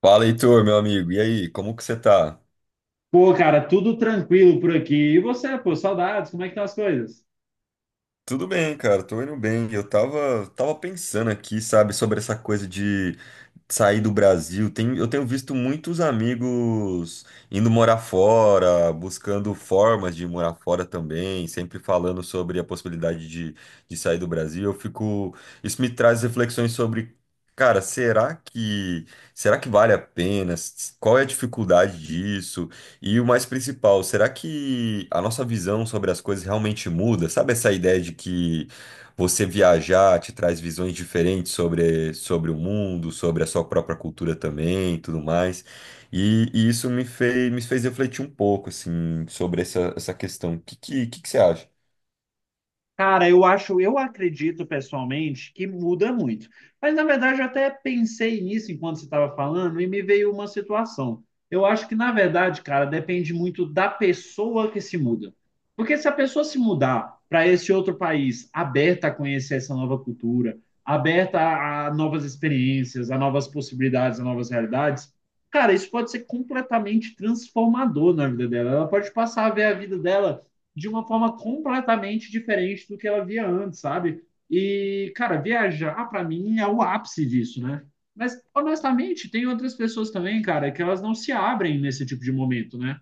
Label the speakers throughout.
Speaker 1: Fala, Heitor, meu amigo. E aí, como que você tá?
Speaker 2: Pô, cara, tudo tranquilo por aqui. E você, pô, saudades, como é que estão as coisas?
Speaker 1: Tudo bem, cara, tô indo bem. Eu tava pensando aqui, sabe, sobre essa coisa de sair do Brasil. Tem, eu tenho visto muitos amigos indo morar fora, buscando formas de morar fora também, sempre falando sobre a possibilidade de sair do Brasil. Eu fico, isso me traz reflexões sobre, cara, será que vale a pena? Qual é a dificuldade disso? E o mais principal, será que a nossa visão sobre as coisas realmente muda? Sabe essa ideia de que você viajar te traz visões diferentes sobre o mundo, sobre a sua própria cultura também, e tudo mais. E isso me fez refletir um pouco, assim, sobre essa questão. O que que você acha?
Speaker 2: Cara, eu acho, eu acredito pessoalmente que muda muito. Mas na verdade eu até pensei nisso enquanto você estava falando e me veio uma situação. Eu acho que na verdade, cara, depende muito da pessoa que se muda. Porque se a pessoa se mudar para esse outro país, aberta a conhecer essa nova cultura, aberta a novas experiências, a novas possibilidades, a novas realidades, cara, isso pode ser completamente transformador na vida dela. Ela pode passar a ver a vida dela de uma forma completamente diferente do que ela via antes, sabe? E, cara, viajar para mim é o ápice disso, né? Mas, honestamente, tem outras pessoas também, cara, que elas não se abrem nesse tipo de momento, né?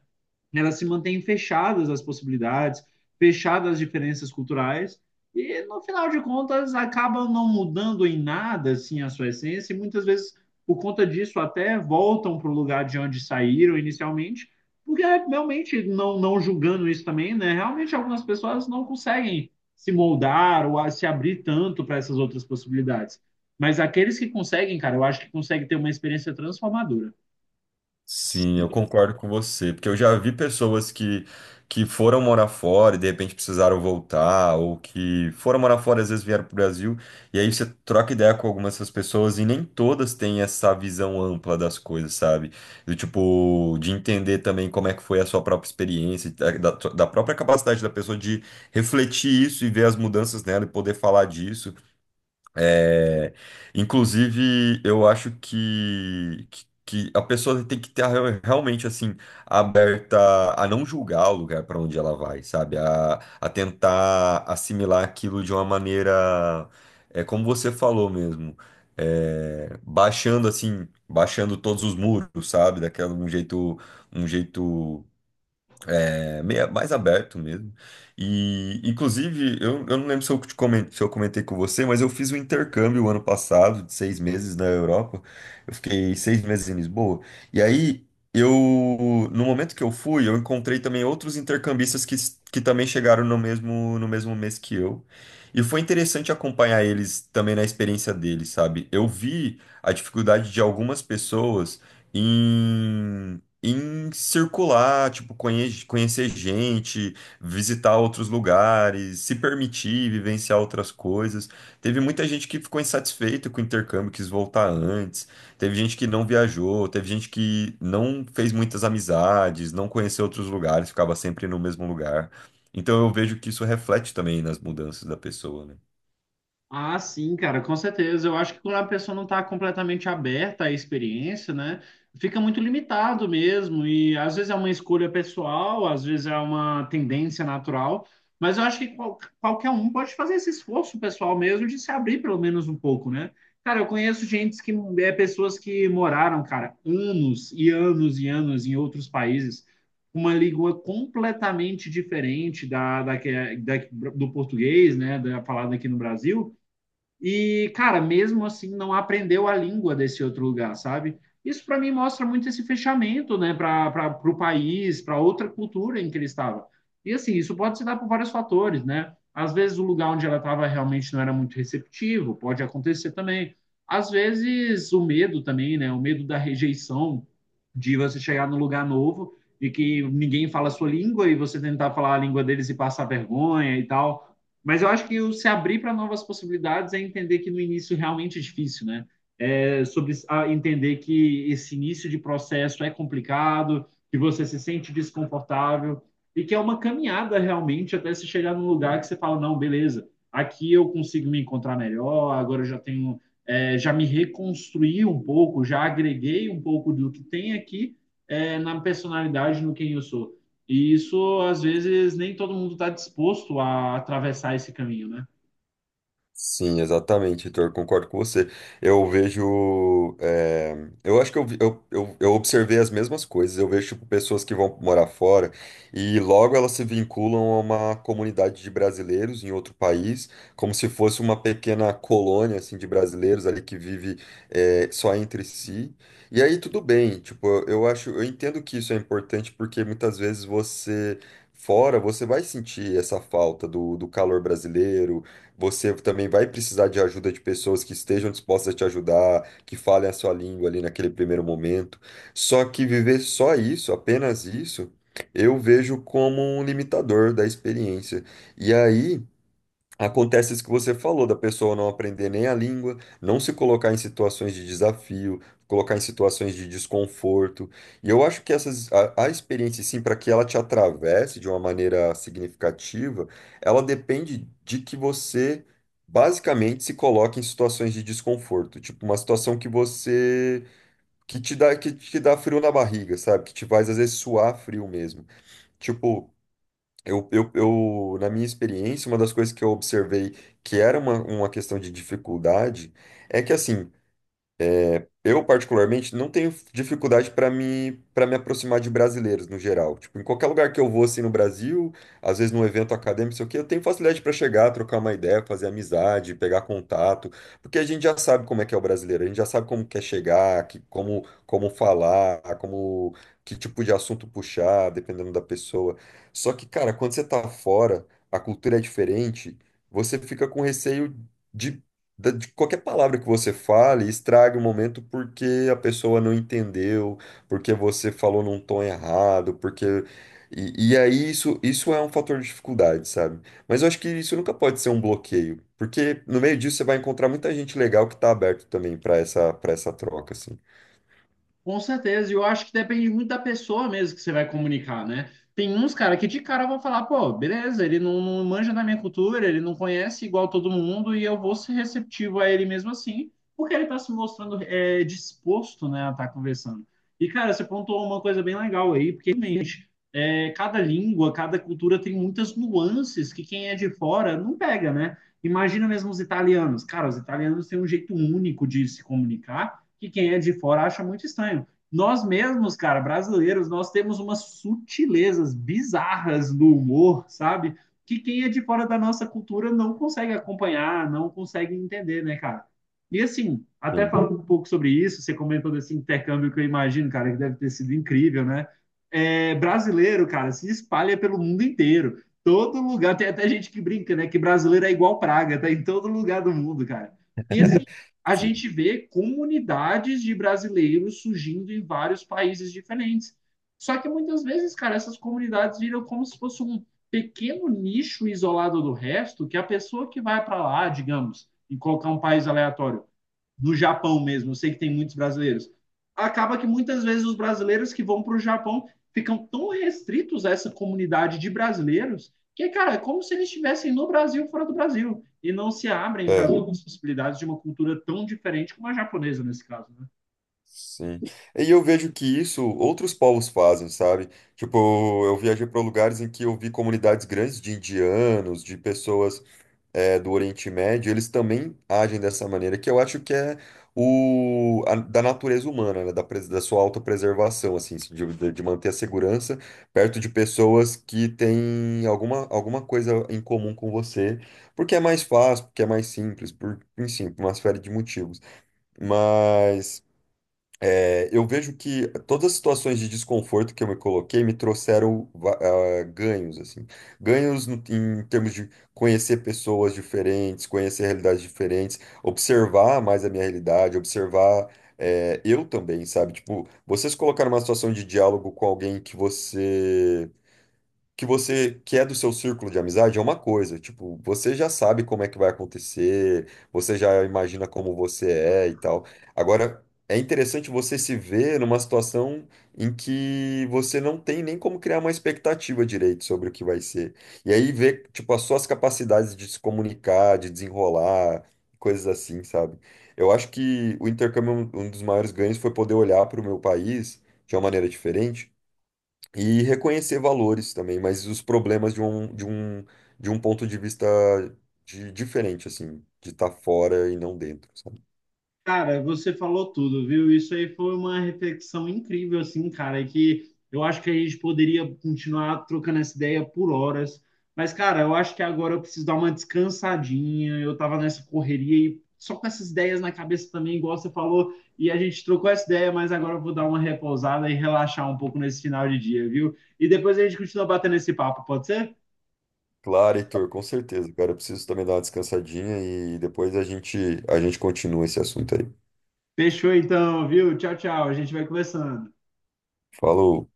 Speaker 2: Elas se mantêm fechadas às possibilidades, fechadas às diferenças culturais, e no final de contas acabam não mudando em nada assim a sua essência, e muitas vezes por conta disso até voltam para o lugar de onde saíram inicialmente, porque é, realmente não julgando isso também, né? Realmente algumas pessoas não conseguem se moldar ou se abrir tanto para essas outras possibilidades. Mas aqueles que conseguem, cara, eu acho que conseguem ter uma experiência transformadora.
Speaker 1: Sim, eu concordo com você, porque eu já vi pessoas que foram morar fora e de repente precisaram voltar, ou que foram morar fora e às vezes vieram para o Brasil, e aí você troca ideia com algumas dessas pessoas e nem todas têm essa visão ampla das coisas, sabe? Do tipo, de entender também como é que foi a sua própria experiência, da própria capacidade da pessoa de refletir isso e ver as mudanças nela e poder falar disso. É, inclusive, eu acho que a pessoa tem que estar realmente assim aberta a não julgar o lugar para onde ela vai, sabe? A tentar assimilar aquilo de uma maneira, é como você falou mesmo, é, baixando assim, baixando todos os muros, sabe? Daquela um jeito é, meio mais aberto mesmo. E, inclusive, eu não lembro se eu se eu comentei com você, mas eu fiz um intercâmbio ano passado, de seis meses na Europa. Eu fiquei seis meses em Lisboa. E aí, eu, no momento que eu fui, eu encontrei também outros intercambistas que também chegaram no mesmo mês que eu. E foi interessante acompanhar eles também na experiência deles, sabe? Eu vi a dificuldade de algumas pessoas. Em, em circular, tipo, conhecer gente, visitar outros lugares, se permitir vivenciar outras coisas. Teve muita gente que ficou insatisfeita com o intercâmbio, quis voltar antes. Teve gente que não viajou, teve gente que não fez muitas amizades, não conheceu outros lugares, ficava sempre no mesmo lugar. Então eu vejo que isso reflete também nas mudanças da pessoa, né?
Speaker 2: Ah, sim, cara, com certeza. Eu acho que quando a pessoa não está completamente aberta à experiência, né, fica muito limitado mesmo. E às vezes é uma escolha pessoal, às vezes é uma tendência natural. Mas eu acho que qualquer um pode fazer esse esforço pessoal mesmo de se abrir pelo menos um pouco, né? Cara, eu conheço gente que é pessoas que moraram, cara, anos e anos e anos em outros países, uma língua completamente diferente da, da, que- é, da- do português, né, da falada aqui no Brasil. E, cara, mesmo assim, não aprendeu a língua desse outro lugar, sabe? Isso para mim mostra muito esse fechamento, né, para o país, para outra cultura em que ele estava. E assim, isso pode se dar por vários fatores, né? Às vezes o lugar onde ela estava realmente não era muito receptivo, pode acontecer também. Às vezes o medo também, né? O medo da rejeição, de você chegar num lugar novo e que ninguém fala a sua língua e você tentar falar a língua deles e passar vergonha e tal. Mas eu acho que o se abrir para novas possibilidades é entender que no início realmente é difícil, né? É sobre entender que esse início de processo é complicado, que você se sente desconfortável e que é uma caminhada realmente até se chegar num lugar que você fala, não, beleza, aqui eu consigo me encontrar melhor, agora eu já tenho, já me reconstruí um pouco, já agreguei um pouco do que tem aqui, na personalidade, no quem eu sou. E isso, às vezes, nem todo mundo está disposto a atravessar esse caminho, né?
Speaker 1: Sim, exatamente, Heitor, concordo com você. Eu vejo. Eu acho que eu observei as mesmas coisas. Eu vejo, tipo, pessoas que vão morar fora e logo elas se vinculam a uma comunidade de brasileiros em outro país, como se fosse uma pequena colônia, assim, de brasileiros ali que vive, só entre si. E aí tudo bem, tipo, eu acho. Eu entendo que isso é importante porque muitas vezes você. Fora, você vai sentir essa falta do calor brasileiro você também vai precisar de ajuda de pessoas que estejam dispostas a te ajudar, que falem a sua língua ali naquele primeiro momento. Só que viver só isso, apenas isso, eu vejo como um limitador da experiência. E aí. Acontece isso que você falou, da pessoa não aprender nem a língua, não se colocar em situações de desafio, colocar em situações de desconforto. E eu acho que essas, a experiência, sim, para que ela te atravesse de uma maneira significativa, ela depende de que você basicamente se coloque em situações de desconforto, tipo uma situação que você que te dá frio na barriga, sabe? Que te faz às vezes suar frio mesmo. Tipo, eu, na minha experiência, uma das coisas que eu observei que era uma questão de dificuldade é que, assim, eu, particularmente, não tenho dificuldade para me aproximar de brasileiros no geral. Tipo, em qualquer lugar que eu vou, assim, no Brasil, às vezes num evento acadêmico, sei o quê, eu tenho facilidade para chegar, trocar uma ideia, fazer amizade, pegar contato, porque a gente já sabe como é que é o brasileiro, a gente já sabe como quer chegar, como falar, que tipo de assunto puxar, dependendo da pessoa. Só que, cara, quando você tá fora, a cultura é diferente, você fica com receio. de de qualquer palavra que você fale, estraga o momento porque a pessoa não entendeu, porque você falou num tom errado, porque. E aí isso é um fator de dificuldade, sabe? Mas eu acho que isso nunca pode ser um bloqueio, porque no meio disso você vai encontrar muita gente legal que tá aberto também para essa troca, assim.
Speaker 2: Com certeza, e eu acho que depende muito da pessoa mesmo que você vai comunicar, né? Tem uns, cara, que de cara vão falar, pô, beleza, ele não, não manja da minha cultura, ele não conhece igual todo mundo, e eu vou ser receptivo a ele mesmo assim, porque ele tá se mostrando disposto, né, a estar conversando. E, cara, você pontuou uma coisa bem legal aí, porque realmente, cada língua, cada cultura tem muitas nuances que quem é de fora não pega, né? Imagina mesmo os italianos. Cara, os italianos têm um jeito único de se comunicar que quem é de fora acha muito estranho. Nós mesmos, cara, brasileiros, nós temos umas sutilezas bizarras no humor, sabe? Que quem é de fora da nossa cultura não consegue acompanhar, não consegue entender, né, cara? E assim, até
Speaker 1: Sim,
Speaker 2: falando um pouco sobre isso, você comentou desse intercâmbio que eu imagino, cara, que deve ter sido incrível, né? É, brasileiro, cara, se espalha pelo mundo inteiro. Todo lugar, tem até gente que brinca, né? Que brasileiro é igual praga, tá em todo lugar do mundo, cara. E assim, a
Speaker 1: sim.
Speaker 2: gente vê comunidades de brasileiros surgindo em vários países diferentes. Só que muitas vezes, cara, essas comunidades viram como se fosse um pequeno nicho isolado do resto, que a pessoa que vai para lá, digamos, em colocar um país aleatório, no Japão mesmo, eu sei que tem muitos brasileiros. Acaba que muitas vezes os brasileiros que vão para o Japão ficam tão restritos a essa comunidade de brasileiros que, cara, é como se eles estivessem no Brasil fora do Brasil e não se abrem para as
Speaker 1: É,
Speaker 2: outras possibilidades de uma cultura tão diferente como a japonesa nesse caso, né?
Speaker 1: sim. E eu vejo que isso outros povos fazem, sabe? Tipo, eu viajei para lugares em que eu vi comunidades grandes de indianos, de pessoas do Oriente Médio, eles também agem dessa maneira, que eu acho que é da natureza humana, né? Da sua autopreservação, assim, de manter a segurança perto de pessoas que têm alguma coisa em comum com você, porque é mais fácil, porque é mais simples, por, enfim, por uma série de motivos. Mas. É, eu vejo que todas as situações de desconforto que eu me coloquei me trouxeram ah, ganhos, assim. Ganhos em termos de conhecer pessoas diferentes, conhecer realidades diferentes, observar mais a minha realidade, observar, é, eu também, sabe? Tipo, vocês colocaram uma situação de diálogo com alguém que você que é do seu círculo de amizade é uma coisa, tipo, você já sabe como é que vai acontecer, você já imagina como você é e tal. Agora, é interessante você se ver numa situação em que você não tem nem como criar uma expectativa direito sobre o que vai ser. E aí ver, tipo, as suas capacidades de se comunicar, de desenrolar, coisas assim, sabe? Eu acho que o intercâmbio, é um dos maiores ganhos foi poder olhar para o meu país de uma maneira diferente e reconhecer valores também, mas os problemas de um ponto de vista de, diferente, assim, de estar fora e não dentro, sabe?
Speaker 2: Cara, você falou tudo, viu? Isso aí foi uma reflexão incrível, assim, cara, que eu acho que a gente poderia continuar trocando essa ideia por horas. Mas, cara, eu acho que agora eu preciso dar uma descansadinha. Eu tava nessa correria e só com essas ideias na cabeça também, igual você falou, e a gente trocou essa ideia, mas agora eu vou dar uma repousada e relaxar um pouco nesse final de dia, viu? E depois a gente continua batendo esse papo, pode ser?
Speaker 1: Claro, Heitor, com certeza, cara. Eu preciso também dar uma descansadinha e depois a gente continua esse assunto aí.
Speaker 2: Fechou então, viu? Tchau, tchau. A gente vai conversando.
Speaker 1: Falou.